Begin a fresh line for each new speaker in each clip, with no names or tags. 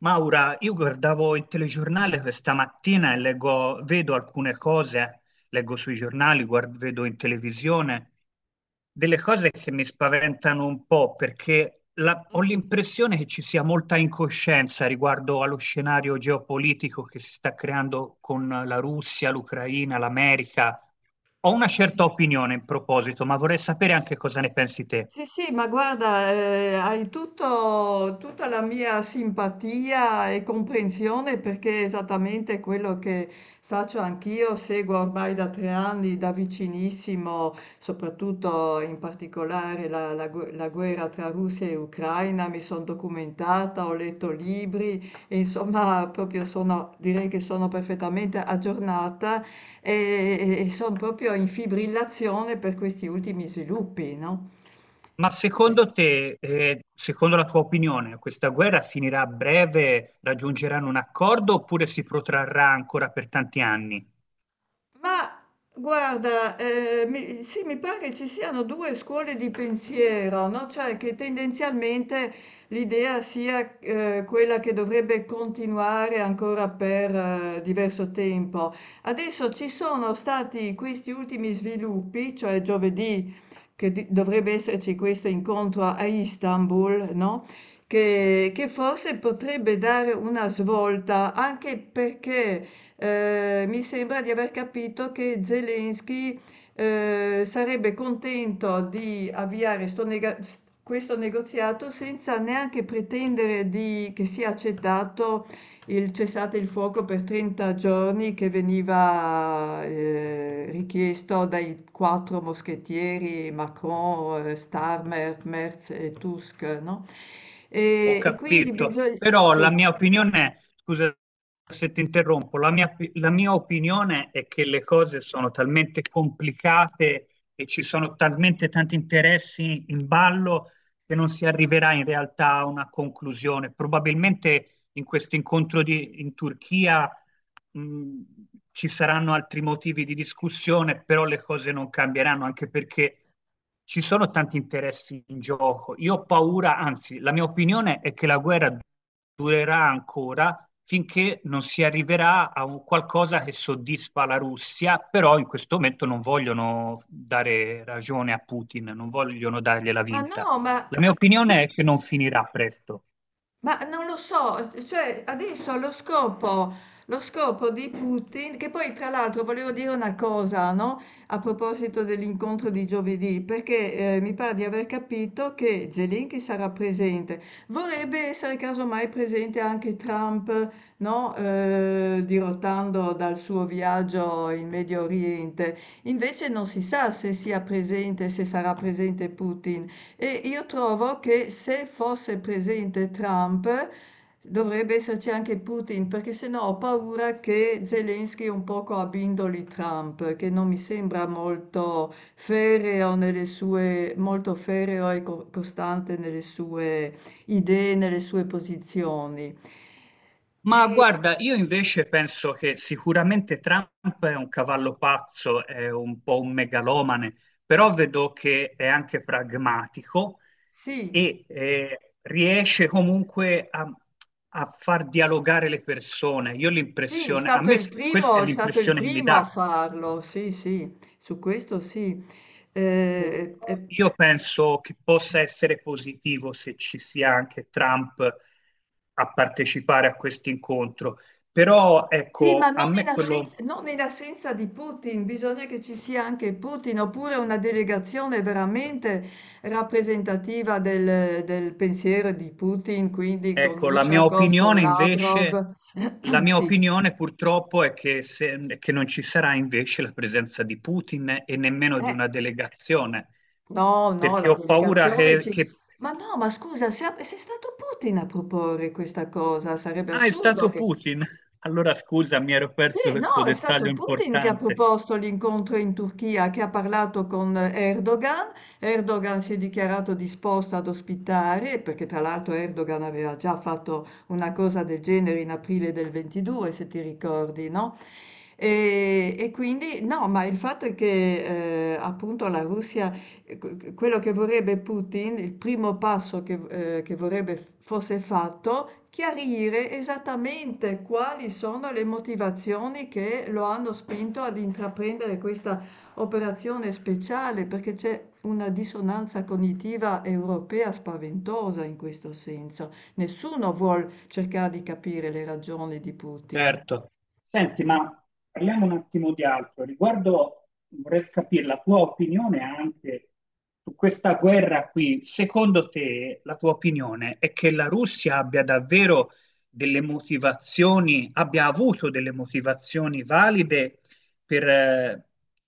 Maura, io guardavo il telegiornale questa mattina e vedo alcune cose, leggo sui giornali, vedo in televisione, delle cose che mi spaventano un po' perché ho
Infatti.
l'impressione che ci sia molta incoscienza riguardo allo scenario geopolitico che si sta creando con la Russia, l'Ucraina, l'America. Ho una certa opinione in proposito, ma vorrei sapere anche cosa ne pensi te.
Sì, sì, ma guarda, tutta la mia simpatia e comprensione, perché è esattamente quello che faccio anch'io. Seguo ormai da tre anni da vicinissimo, soprattutto in particolare la guerra tra Russia e Ucraina. Mi sono documentata, ho letto libri e insomma proprio sono, direi che sono perfettamente aggiornata, E e son proprio in fibrillazione per questi ultimi sviluppi, no?
Ma secondo te, secondo la tua opinione, questa guerra finirà a breve, raggiungeranno un accordo oppure si protrarrà ancora per tanti anni?
Ma guarda, sì, mi pare che ci siano due scuole di pensiero, no? Cioè che tendenzialmente l'idea sia, quella che dovrebbe continuare ancora per, diverso tempo. Adesso ci sono stati questi ultimi sviluppi, cioè giovedì che dovrebbe esserci questo incontro a Istanbul, no? Che forse potrebbe dare una svolta, anche perché mi sembra di aver capito che Zelensky sarebbe contento di avviare questo negoziato senza neanche pretendere che sia accettato il cessate il fuoco per 30 giorni, che veniva richiesto dai quattro moschettieri Macron, Starmer, Merz e Tusk, no?
Ho
E quindi
capito,
bisogna...
però la
Sì.
mia opinione, scusa se ti interrompo, la mia opinione è che le cose sono talmente complicate e ci sono talmente tanti interessi in ballo che non si arriverà in realtà a una conclusione. Probabilmente in questo in Turchia mh, ci saranno altri motivi di discussione, però le cose non cambieranno, anche perché ci sono tanti interessi in gioco. Io ho paura, anzi, la mia opinione è che la guerra durerà ancora finché non si arriverà a un qualcosa che soddisfa la Russia, però in questo momento non vogliono dare ragione a Putin, non vogliono dargliela
Ma
vinta.
no, ma...
La mia opinione è che non finirà presto.
Ma non lo so, cioè adesso lo scopo di Putin, che poi tra l'altro volevo dire una cosa, no? A proposito dell'incontro di giovedì, perché mi pare di aver capito che Zelensky sarà presente, vorrebbe essere casomai presente anche Trump, no? Dirottando dal suo viaggio in Medio Oriente. Invece non si sa se sia presente, se sarà presente Putin. E io trovo che se fosse presente Trump dovrebbe esserci anche Putin, perché sennò ho paura che Zelensky un poco abbindoli Trump, che non mi sembra molto ferreo nelle sue, molto ferreo e costante nelle sue idee, nelle sue posizioni.
Ma
E
guarda, io invece penso che sicuramente Trump è un cavallo pazzo, è un po' un megalomane, però vedo che è anche pragmatico
sì.
e riesce comunque a, a far dialogare le persone. Io
Sì, è
l'impressione,
stato il
questa
primo,
è
è stato il
l'impressione che mi
primo a
dà.
farlo, sì, sì, su questo sì.
Però
Eh, eh,
io penso che possa essere positivo se ci sia anche Trump a partecipare a questo incontro. Però
sì, ma
ecco,
non
a
in
me
assenza,
quello.
non in assenza di Putin, bisogna che ci sia anche Putin, oppure una delegazione veramente rappresentativa del, del pensiero di Putin, quindi con
Ecco, la mia
Ushakov, con
opinione invece,
Lavrov.
la mia
Sì.
opinione purtroppo è che, che non ci sarà invece la presenza di Putin e nemmeno di
Eh,
una delegazione,
No, no,
perché
la
ho paura
delegazione
che,
ci...
che-
Ma no, ma scusa, se è stato Putin a proporre questa cosa, sarebbe
Ah, è
assurdo
stato
che...
Putin. Allora scusa, mi ero perso
Sì,
questo
no, è
dettaglio
stato Putin che ha
importante.
proposto l'incontro in Turchia, che ha parlato con Erdogan. Erdogan si è dichiarato disposto ad ospitare, perché tra l'altro Erdogan aveva già fatto una cosa del genere in aprile del 22, se ti ricordi, no? E quindi, no, ma il fatto è che, appunto, la Russia... E quello che vorrebbe Putin, il primo passo che vorrebbe fosse fatto, chiarire esattamente quali sono le motivazioni che lo hanno spinto ad intraprendere questa operazione speciale, perché c'è una dissonanza cognitiva europea spaventosa in questo senso. Nessuno vuole cercare di capire le ragioni di Putin.
Certo. Senti,
Mm?
ma parliamo un attimo di altro. Riguardo, vorrei capire la tua opinione anche su questa guerra qui. Secondo te, la tua opinione è che la Russia abbia davvero delle motivazioni, abbia avuto delle motivazioni valide per, eh,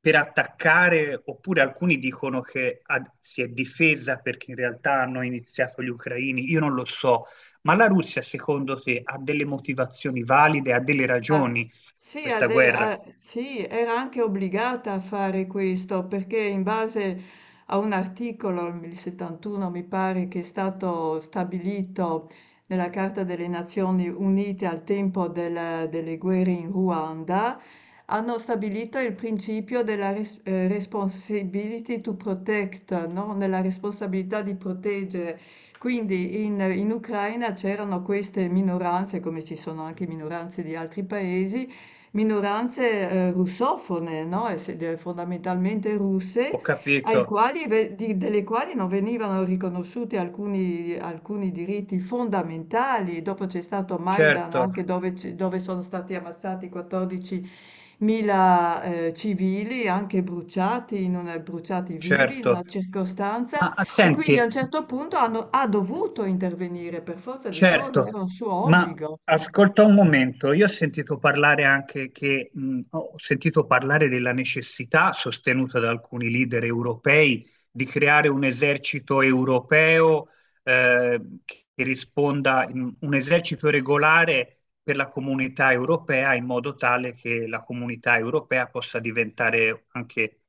per attaccare, oppure alcuni dicono che si è difesa perché in realtà hanno iniziato gli ucraini. Io non lo so. Ma la Russia, secondo te, ha delle motivazioni valide, ha delle
Ma
ragioni
sì,
questa guerra?
sì, era anche obbligata a fare questo, perché in base a un articolo, il 71 mi pare, che è stato stabilito nella Carta delle Nazioni Unite al tempo delle guerre in Ruanda, hanno stabilito il principio responsibility to protect, no? Nella responsabilità di proteggere. Quindi in Ucraina c'erano queste minoranze, come ci sono anche minoranze di altri paesi, minoranze, russofone, no, esse de fondamentalmente russe,
Ho
ai
capito,
quali ve di delle quali non venivano riconosciuti alcuni diritti fondamentali. Dopo c'è stato Maidan,
certo,
anche dove c dove sono stati ammazzati 14.000, civili, anche bruciati vivi in una
certo.
circostanza,
Ma
e quindi a un
senti,
certo punto ha dovuto intervenire per forza di cose, era
certo,
un suo
ma
obbligo.
ascolta un momento, io ho sentito parlare anche che, ho sentito parlare della necessità, sostenuta da alcuni leader europei, di creare un esercito europeo, eh, che risponda, un esercito regolare per la comunità europea in modo tale che la comunità europea possa diventare anche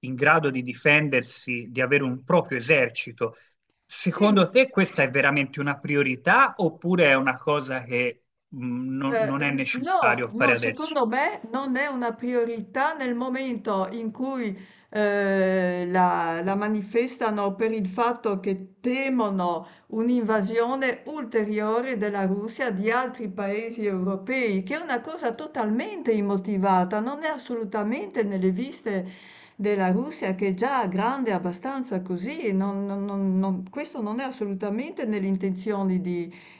in grado di difendersi, di avere un proprio esercito.
Sì.
Secondo te questa è veramente una priorità oppure è una cosa che mh, non, non è
No,
necessario fare
no,
adesso?
secondo me non è una priorità nel momento in cui la, la manifestano per il fatto che temono un'invasione ulteriore della Russia di altri paesi europei, che è una cosa totalmente immotivata, non è assolutamente nelle viste della Russia, che è già grande abbastanza così. Questo non è assolutamente nelle intenzioni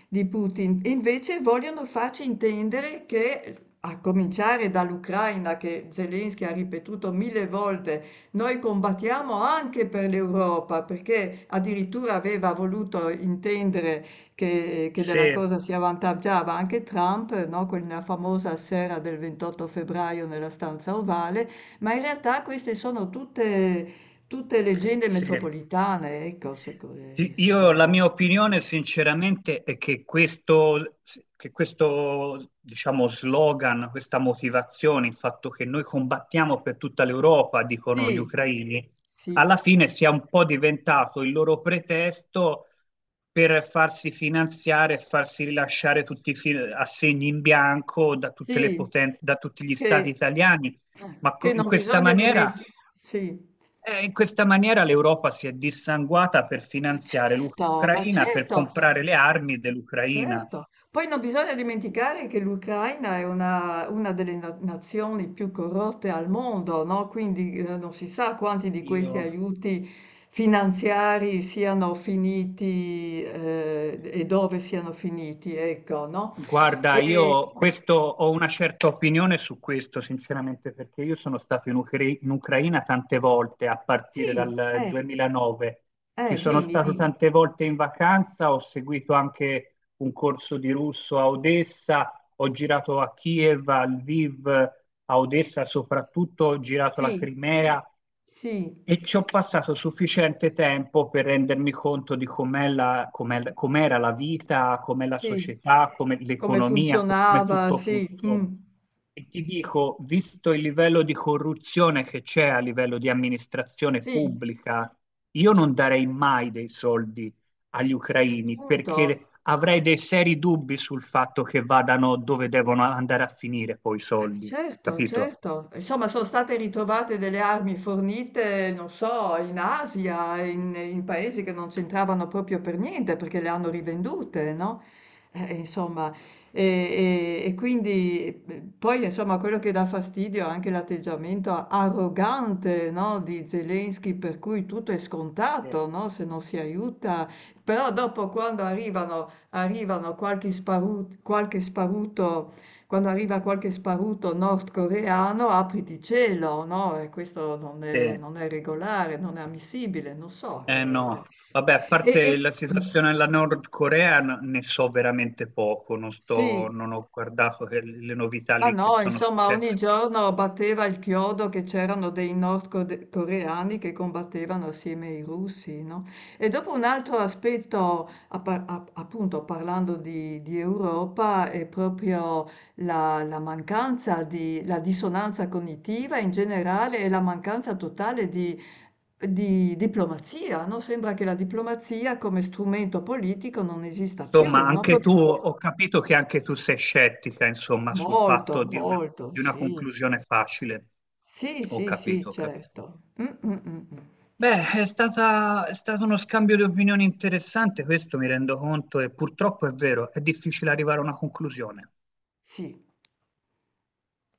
di Putin. E invece vogliono farci intendere che, a cominciare dall'Ucraina, che Zelensky ha ripetuto mille volte, noi combattiamo anche per l'Europa, perché addirittura aveva voluto intendere che
Se,
della cosa si avvantaggiava anche Trump, no? Quella famosa sera del 28 febbraio nella stanza ovale, ma in realtà queste sono tutte, tutte leggende
se
metropolitane, ecco,
Sì, io la
secondo.
mia opinione sinceramente è che questo, diciamo, slogan, questa motivazione, il fatto che noi combattiamo per tutta l'Europa, dicono gli
Sì,
ucraini, alla
sì.
fine sia un po' diventato il loro pretesto per farsi finanziare e farsi rilasciare tutti i assegni in bianco da tutte le
Sì,
potenze, da tutti gli stati
che
italiani.
che
In
non
questa
bisogna dimen.
maniera
Sì.
in questa maniera l'Europa si è dissanguata per
Ma
finanziare
certo, ma
l'Ucraina, per
certo.
comprare le armi dell'Ucraina.
Certo. Poi non bisogna dimenticare che l'Ucraina è una delle na nazioni più corrotte al mondo, no, quindi, non si sa quanti di
Io,
questi aiuti finanziari siano finiti, e dove siano finiti, ecco, no.
guarda,
E
io questo, ho una certa opinione su questo, sinceramente, perché io sono stato in Ucraina tante volte a partire
sì,
dal 2009. Ci sono
dimmi,
stato
dimmi.
tante volte in vacanza, ho seguito anche un corso di russo a Odessa, ho girato a Kiev, a Lviv, a Odessa soprattutto, ho girato la
Sì.
Crimea.
Sì.
E ci ho passato sufficiente tempo per rendermi conto di com'era la vita, com'è la
Sì,
società, com'è
come
l'economia, come
funzionava,
tutto
sì,
funziona.
mh.
E ti dico, visto il livello di corruzione che c'è a livello di amministrazione
Sì,
pubblica, io non darei mai dei soldi agli ucraini
appunto.
perché avrei dei seri dubbi sul fatto che vadano dove devono andare a finire poi i soldi,
Certo,
capito?
certo. Insomma, sono state ritrovate delle armi fornite, non so, in Asia, in, in paesi che non c'entravano proprio per niente, perché le hanno rivendute, no? Insomma, e, e quindi poi, insomma, quello che dà fastidio è anche l'atteggiamento arrogante, no, di Zelensky, per cui tutto è
Sì.
scontato, no, se non si aiuta. Però dopo, quando arriva qualche sparuto nordcoreano, apriti cielo, no, e questo non
Sì.
è, non è regolare, non è ammissibile, non so.
Eh no, vabbè, a
E e
parte la situazione della Nord Corea ne so veramente poco, non sto,
sì.
non ho guardato le novità
Ma
lì che
no,
sono
insomma, ogni
successe.
giorno batteva il chiodo che c'erano dei nordcoreani che combattevano assieme ai russi, no? E dopo un altro aspetto, appunto parlando di Europa, è proprio la dissonanza cognitiva in generale e la mancanza totale di, diplomazia, no? Sembra che la diplomazia come strumento politico non esista
Insomma,
più, no?
anche tu,
Proprio
ho capito che anche tu sei scettica, insomma, sul
molto,
fatto
molto,
di una
sì, sì.
conclusione facile.
Sì,
Ho
sì, sì,
capito, ho capito.
certo.
Beh, è stato uno scambio di opinioni interessante, questo mi rendo conto, e purtroppo è vero, è difficile arrivare a una conclusione.
Sì.